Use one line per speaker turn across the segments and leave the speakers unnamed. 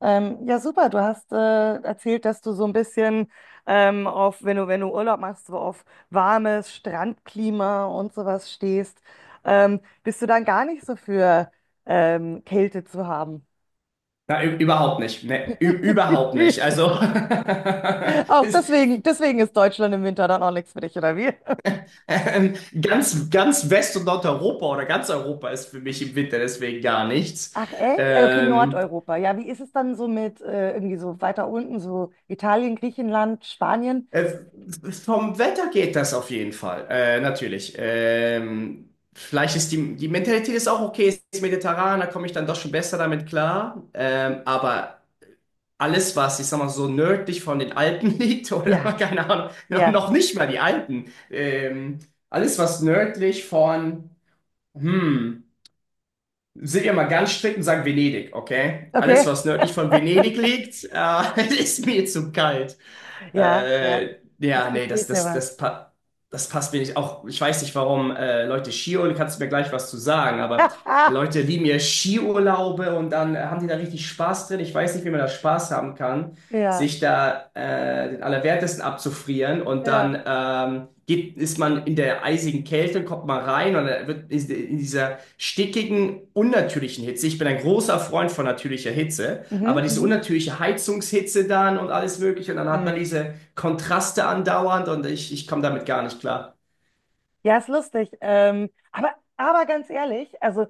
Ja, super. Du hast erzählt, dass du so ein bisschen auf, wenn du Urlaub machst, so auf warmes Strandklima und sowas stehst. Bist du dann gar nicht so für Kälte zu haben?
Überhaupt nicht. Überhaupt nicht. Also
Auch
ist,
deswegen ist Deutschland im Winter dann auch nichts für dich, oder wie?
ähm, ganz West- und Nordeuropa oder ganz Europa ist für mich im Winter deswegen gar nichts.
Ach, echt? Okay,
Ähm,
Nordeuropa. Ja, wie ist es dann so mit irgendwie so weiter unten, so Italien, Griechenland, Spanien?
äh, Vom Wetter geht das auf jeden Fall. Natürlich. Vielleicht ist die Mentalität ist auch okay, ist mediterran, da komme ich dann doch schon besser damit klar. Aber alles, was, ich sag mal, so nördlich von den Alpen liegt, oder
Ja,
keine Ahnung, noch
ja.
noch nicht mal die Alpen, alles, was nördlich von, hm, sind wir mal ganz strikt und sagen Venedig, okay? Alles,
Okay.
was nördlich von Venedig liegt, ist mir zu kalt.
Ja, ja. Das
Ja, nee,
verstehe ich aber.
das passt mir nicht. Auch ich weiß nicht, warum Leute Skiurlaub, kannst du mir gleich was zu sagen, aber Leute lieben ja Skiurlaube und dann haben die da richtig Spaß drin. Ich weiß nicht, wie man da Spaß haben kann,
Ja,
sich da den Allerwertesten abzufrieren und
ja.
dann ist man in der eisigen Kälte und kommt mal rein und dann wird in dieser stickigen, unnatürlichen Hitze. Ich bin ein großer Freund von natürlicher Hitze.
Mhm,
Aber diese
mhm.
unnatürliche Heizungshitze dann und alles Mögliche. Und dann hat man
Mhm.
diese Kontraste andauernd und ich komme damit gar nicht klar.
Ja, ist lustig. Aber, ganz ehrlich, also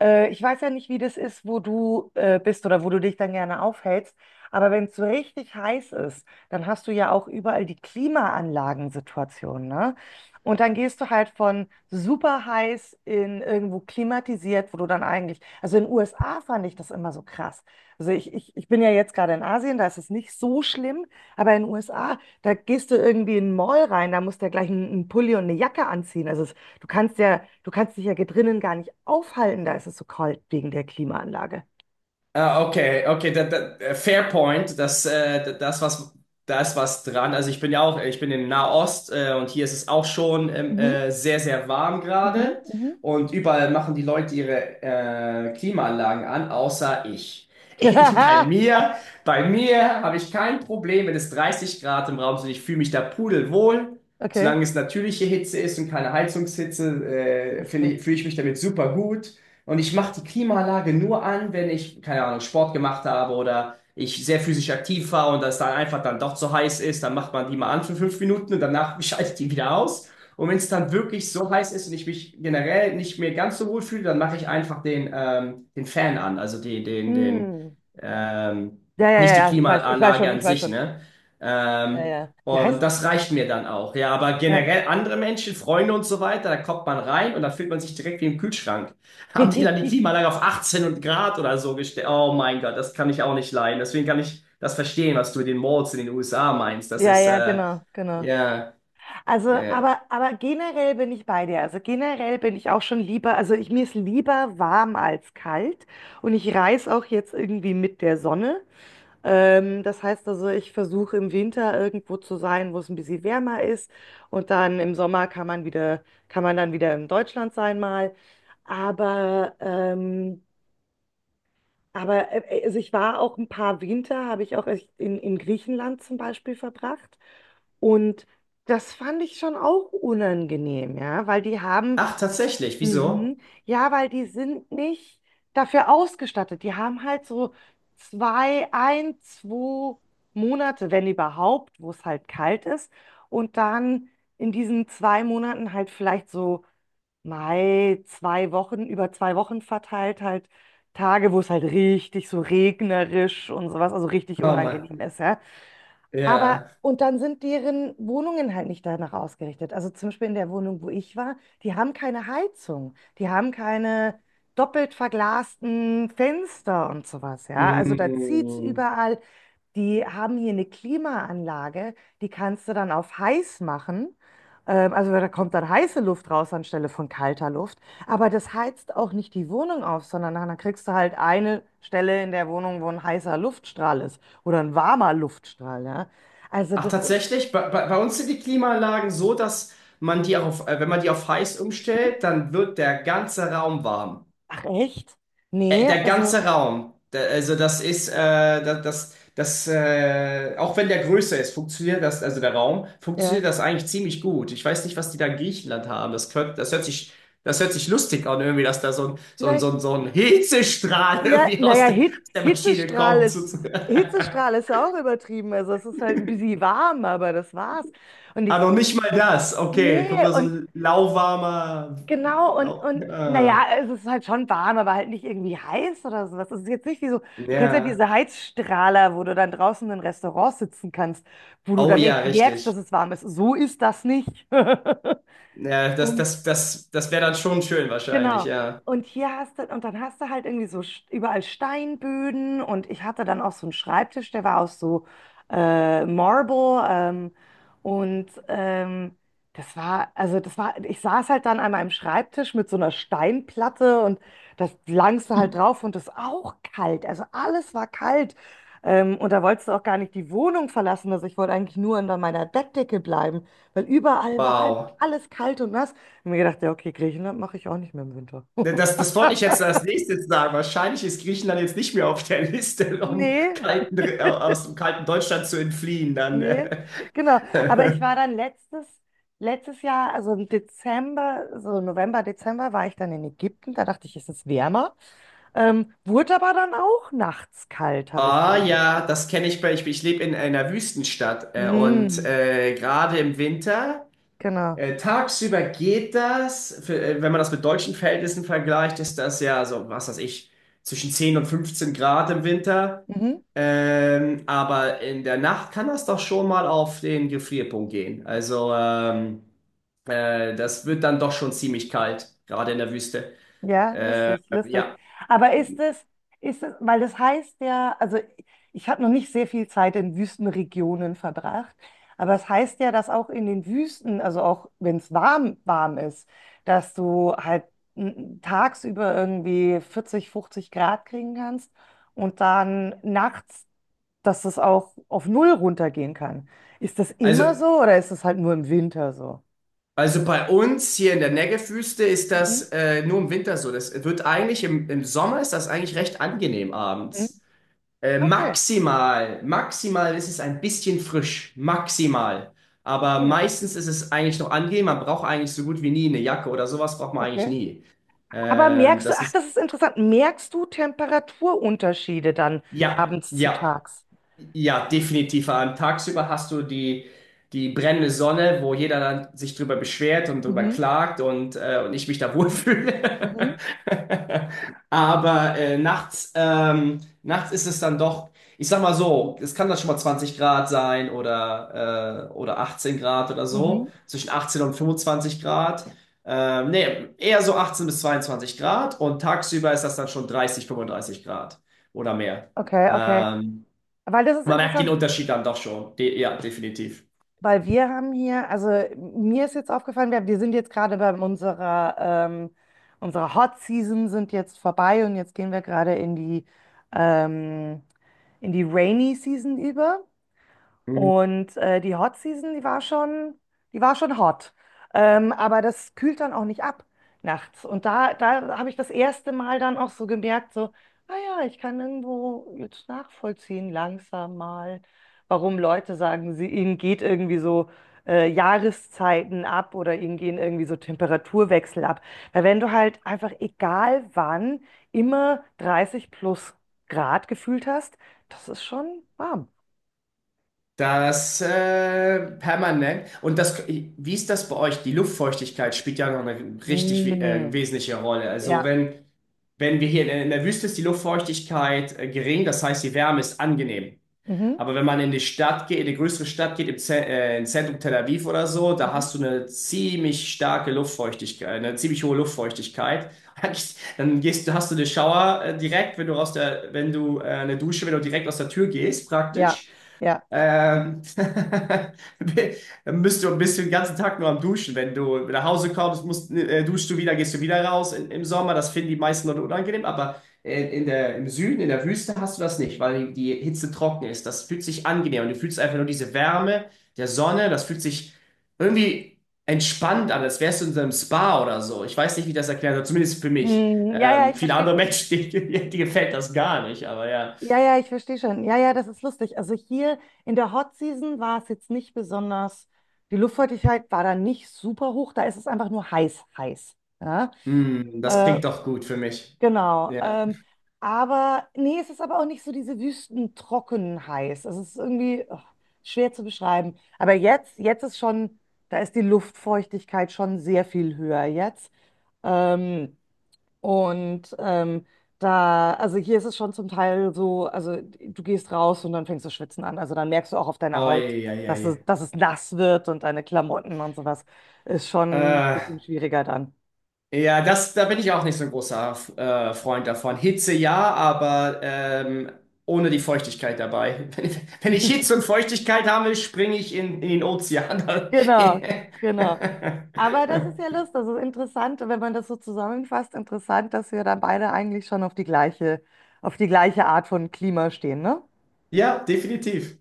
ich weiß ja nicht, wie das ist, wo du bist oder wo du dich dann gerne aufhältst. Aber wenn es so richtig heiß ist, dann hast du ja auch überall die Klimaanlagensituation, ne? Und dann gehst du halt von super heiß in irgendwo klimatisiert, wo du dann eigentlich, also in den USA fand ich das immer so krass. Also ich bin ja jetzt gerade in Asien, da ist es nicht so schlimm, aber in den USA. Da gehst du irgendwie in den Mall rein, da musst du ja gleich einen Pulli und eine Jacke anziehen. Also es, du kannst dich ja drinnen gar nicht aufhalten, da ist es so kalt wegen der Klimaanlage.
Ah, okay, okay, fair point. Das was, da ist was dran. Also ich bin ja auch, ich bin in Nahost und hier ist es auch schon
Mhm,
sehr warm
mhm,
gerade.
mhm.
Und überall machen die Leute ihre Klimaanlagen an, außer ich. Bei mir, bei mir habe ich kein Problem, wenn es 30 Grad im Raum sind. Ich fühle mich da pudelwohl.
Okay.
Solange es natürliche Hitze ist und keine Heizungshitze,
Lustig.
fühle ich mich damit super gut. Und ich mache die Klimaanlage nur an, wenn ich, keine Ahnung, Sport gemacht habe oder ich sehr physisch aktiv war und das dann einfach dann doch zu heiß ist, dann macht man die mal an für 5 Minuten und danach schalte ich die wieder aus. Und wenn es dann wirklich so heiß ist und ich mich generell nicht mehr ganz so wohl fühle, dann mache ich einfach den Fan an, also
Hm.
ähm,
Ja, ja, ja,
nicht die
ja, ich weiß
Klimaanlage
schon,
an
ich weiß
sich,
schon.
ne?
Ja,
Ähm,
ja. Wie
und
heißt?
das reicht mir dann auch. Ja, aber
Ja.
generell andere Menschen, Freunde und so weiter, da kommt man rein und da fühlt man sich direkt wie im Kühlschrank, haben die dann die Klimaanlage auf 18 und Grad oder so gestellt. Oh mein Gott, das kann ich auch nicht leiden. Deswegen kann ich das verstehen, was du mit den Malls in den USA meinst. Das
Ja,
ist,
ja, genau, genau.
ja,
Also,
äh,
aber generell bin ich bei dir. Also generell bin ich auch schon lieber, also mir ist lieber warm als kalt und ich reise auch jetzt irgendwie mit der Sonne. Das heißt also, ich versuche im Winter irgendwo zu sein, wo es ein bisschen wärmer ist. Und dann im Sommer kann man dann wieder in Deutschland sein mal. Aber, ähm, also ich war auch ein paar Winter, habe ich auch echt in Griechenland zum Beispiel verbracht. Und das fand ich schon auch unangenehm, ja, weil die haben.
ach, tatsächlich, wieso?
Mhm. Ja, weil die sind nicht dafür ausgestattet. Die haben halt so zwei, ein, zwei Monate, wenn überhaupt, wo es halt kalt ist. Und dann in diesen 2 Monaten halt vielleicht so Mai, 2 Wochen, über 2 Wochen verteilt, halt Tage, wo es halt richtig so regnerisch und sowas, also richtig
Oh mein,
unangenehm ist, ja. Aber,
ja.
und dann sind deren Wohnungen halt nicht danach ausgerichtet. Also zum Beispiel in der Wohnung, wo ich war, die haben keine Heizung, die haben keine doppelt verglasten Fenster und sowas, ja. Also da zieht's
Mm.
überall. Die haben hier eine Klimaanlage, die kannst du dann auf heiß machen. Also da kommt dann heiße Luft raus anstelle von kalter Luft. Aber das heizt auch nicht die Wohnung auf, sondern dann kriegst du halt eine Stelle in der Wohnung, wo ein heißer Luftstrahl ist oder ein warmer Luftstrahl. Ja? Also
Ach,
das ist
tatsächlich, bei uns sind die Klimaanlagen so, dass man die auch auf, wenn man die auf heiß
so.
umstellt, dann wird der ganze Raum warm.
Ach echt? Nee,
Der
also
ganze Raum, da, also das ist, das auch wenn der größer ist, funktioniert das, also der Raum,
ja,
funktioniert das eigentlich ziemlich gut. Ich weiß nicht, was die da in Griechenland haben. Das hört sich lustig an, irgendwie, dass da so ein, so ein,
vielleicht.
so ein, so ein Hitzestrahl
Ja,
irgendwie
naja,
aus der Maschine
Hitzestrahl
kommt.
ist. Hitzestrahl ist ja auch übertrieben. Also es ist halt ein bisschen warm, aber das war's. Und
Ah,
ich.
noch nicht mal das. Okay, kommt
Nee,
da so
und
ein lauwarmer.
genau, und,
Lau
naja,
ah,
es ist halt schon warm, aber halt nicht irgendwie heiß oder sowas. Es ist jetzt nicht wie so, du kennst ja
ja.
diese Heizstrahler, wo du dann draußen in Restaurants sitzen kannst, wo du
Oh
dann echt
ja,
merkst, dass
richtig.
es warm ist. So ist das nicht.
Ja,
Und
das wäre dann schon schön wahrscheinlich,
genau.
ja.
Und hier hast du, und dann hast du halt irgendwie so überall Steinböden und ich hatte dann auch so einen Schreibtisch, der war aus so Marble, und das war, also das war, ich saß halt dann an meinem Schreibtisch mit so einer Steinplatte und das langste halt drauf und das auch kalt, also alles war kalt. Und da wolltest du auch gar nicht die Wohnung verlassen, also ich wollte eigentlich nur unter meiner Bettdecke bleiben, weil überall war halt
Wow.
alles kalt und nass. Und mir gedacht, ja, okay, Griechenland mache ich auch nicht mehr im Winter.
Das wollte ich jetzt als nächstes sagen. Wahrscheinlich ist Griechenland jetzt nicht mehr auf der Liste, um
Nee,
kalten, aus dem kalten Deutschland zu entfliehen. Dann.
nee,
äh.
genau. Aber ich war dann letztes Jahr, also im Dezember, so November, Dezember, war ich dann in Ägypten. Da dachte ich, es ist wärmer. Wurde aber dann auch nachts kalt, habe ich
Ah
gemerkt.
ja, das kenne ich bei. Ich lebe in einer Wüstenstadt und
Mhm,
gerade im Winter.
genau.
Tagsüber geht das, für, wenn man das mit deutschen Verhältnissen vergleicht, ist das ja so, was weiß ich, zwischen 10 und 15 Grad im Winter.
Mhm.
Aber in der Nacht kann das doch schon mal auf den Gefrierpunkt gehen. Also das wird dann doch schon ziemlich kalt, gerade in der Wüste.
Ja, lustig, lustig.
Ja,
Aber ist es, weil das heißt ja, also ich habe noch nicht sehr viel Zeit in Wüstenregionen verbracht, aber es heißt ja, dass auch in den Wüsten, also auch wenn es warm, warm ist, dass du halt tagsüber irgendwie 40, 50 Grad kriegen kannst und dann nachts, dass es auch auf 0 runtergehen kann. Ist das immer
also,
so oder ist es halt nur im Winter so?
also bei uns hier in der Negev-Wüste ist
Mhm.
das nur im Winter so. Das wird eigentlich im Sommer ist das eigentlich recht angenehm
Mhm.
abends.
Okay,
Maximal ist es ein bisschen frisch, maximal. Aber
okay,
meistens ist es eigentlich noch angenehm. Man braucht eigentlich so gut wie nie eine Jacke oder sowas braucht man eigentlich
okay.
nie.
Aber merkst du,
Das
ach,
ist,
das ist interessant, merkst du Temperaturunterschiede dann
ja,
abends zu
ja.
tags?
Ja, definitiv. An tagsüber hast du die brennende Sonne, wo jeder dann sich drüber beschwert und drüber
Mhm,
klagt und ich mich da
mhm,
wohlfühle. Aber nachts ist es dann doch, ich sag mal so, es kann dann schon mal 20 Grad sein oder 18 Grad oder
mhm.
so, zwischen 18 und 25 Grad. Nee, eher so 18 bis 22 Grad und tagsüber ist das dann schon 30 35 Grad oder mehr.
Okay, okay.
Ähm,
Weil das ist
man merkt den
interessant,
Unterschied dann doch schon. De Ja, definitiv.
weil wir haben hier, also mir ist jetzt aufgefallen, wir sind jetzt gerade bei unserer Hot Season sind jetzt vorbei und jetzt gehen wir gerade in die, ähm, Rainy Season über.
Mhm.
Und die Hot Season, die war schon hot. Aber das kühlt dann auch nicht ab nachts. Und da habe ich das erste Mal dann auch so gemerkt, so, ah ja, ich kann irgendwo jetzt nachvollziehen, langsam mal, warum Leute sagen, ihnen geht irgendwie so Jahreszeiten ab oder ihnen gehen irgendwie so Temperaturwechsel ab. Weil wenn du halt einfach egal wann immer 30 plus Grad gefühlt hast, das ist schon warm.
Das permanent. Und das, wie ist das bei euch? Die Luftfeuchtigkeit spielt ja noch eine richtig
Mm.
wesentliche Rolle.
Ja.
Wenn wir hier in der Wüste ist die Luftfeuchtigkeit gering, das heißt, die Wärme ist angenehm.
Mhm.
Aber wenn man in die Stadt geht, in die größere Stadt geht, im Zentrum Tel Aviv oder so, da
Mhm.
hast du eine ziemlich starke Luftfeuchtigkeit, eine ziemlich hohe Luftfeuchtigkeit. Hast du eine Shower direkt, wenn du aus der, wenn du eine Dusche, wenn du direkt aus der Tür gehst,
Ja.
praktisch.
Ja.
Ähm, bi- bist du den ganzen Tag nur am Duschen. Wenn du nach Hause kommst, duschst du wieder, gehst du wieder raus in, im Sommer. Das finden die meisten Leute unangenehm, aber im Süden, in der Wüste hast du das nicht, weil die Hitze trocken ist. Das fühlt sich angenehm und du fühlst einfach nur diese Wärme der Sonne. Das fühlt sich irgendwie entspannt an, als wärst du in so einem Spa oder so. Ich weiß nicht, wie ich das erklären soll, zumindest für mich.
Hm, ja, ja, ich
Viele
verstehe
andere
schon.
Menschen, die gefällt das gar nicht, aber ja.
Ja, ja, ich verstehe schon. Ja, ja, das ist lustig. Also hier in der Hot Season war es jetzt nicht besonders, die Luftfeuchtigkeit war da nicht super hoch, da ist es einfach nur heiß, heiß. Ja,
Hm, das
äh,
klingt doch gut für mich.
genau.
Ja.
Aber nee, es ist aber auch nicht so diese wüstentrocken heiß. Es ist irgendwie ach, schwer zu beschreiben. Aber jetzt ist schon, da ist die Luftfeuchtigkeit schon sehr viel höher jetzt. Ähm, Und also hier ist es schon zum Teil so, also du gehst raus und dann fängst du schwitzen an. Also dann merkst du auch auf deiner
Oh,
Haut,
ja, ja, ja.
dass es nass wird und deine Klamotten und sowas ist schon ein
Äh,
bisschen schwieriger dann.
ja, das, da bin ich auch nicht so ein großer Freund davon. Hitze ja, aber ohne die Feuchtigkeit dabei. Wenn ich Hitze und Feuchtigkeit habe, springe ich in den Ozean.
Genau, genau. Aber das ist ja lustig, das ist interessant, wenn man das so zusammenfasst, interessant, dass wir da beide eigentlich schon auf die gleiche Art von Klima stehen, ne?
Ja, definitiv.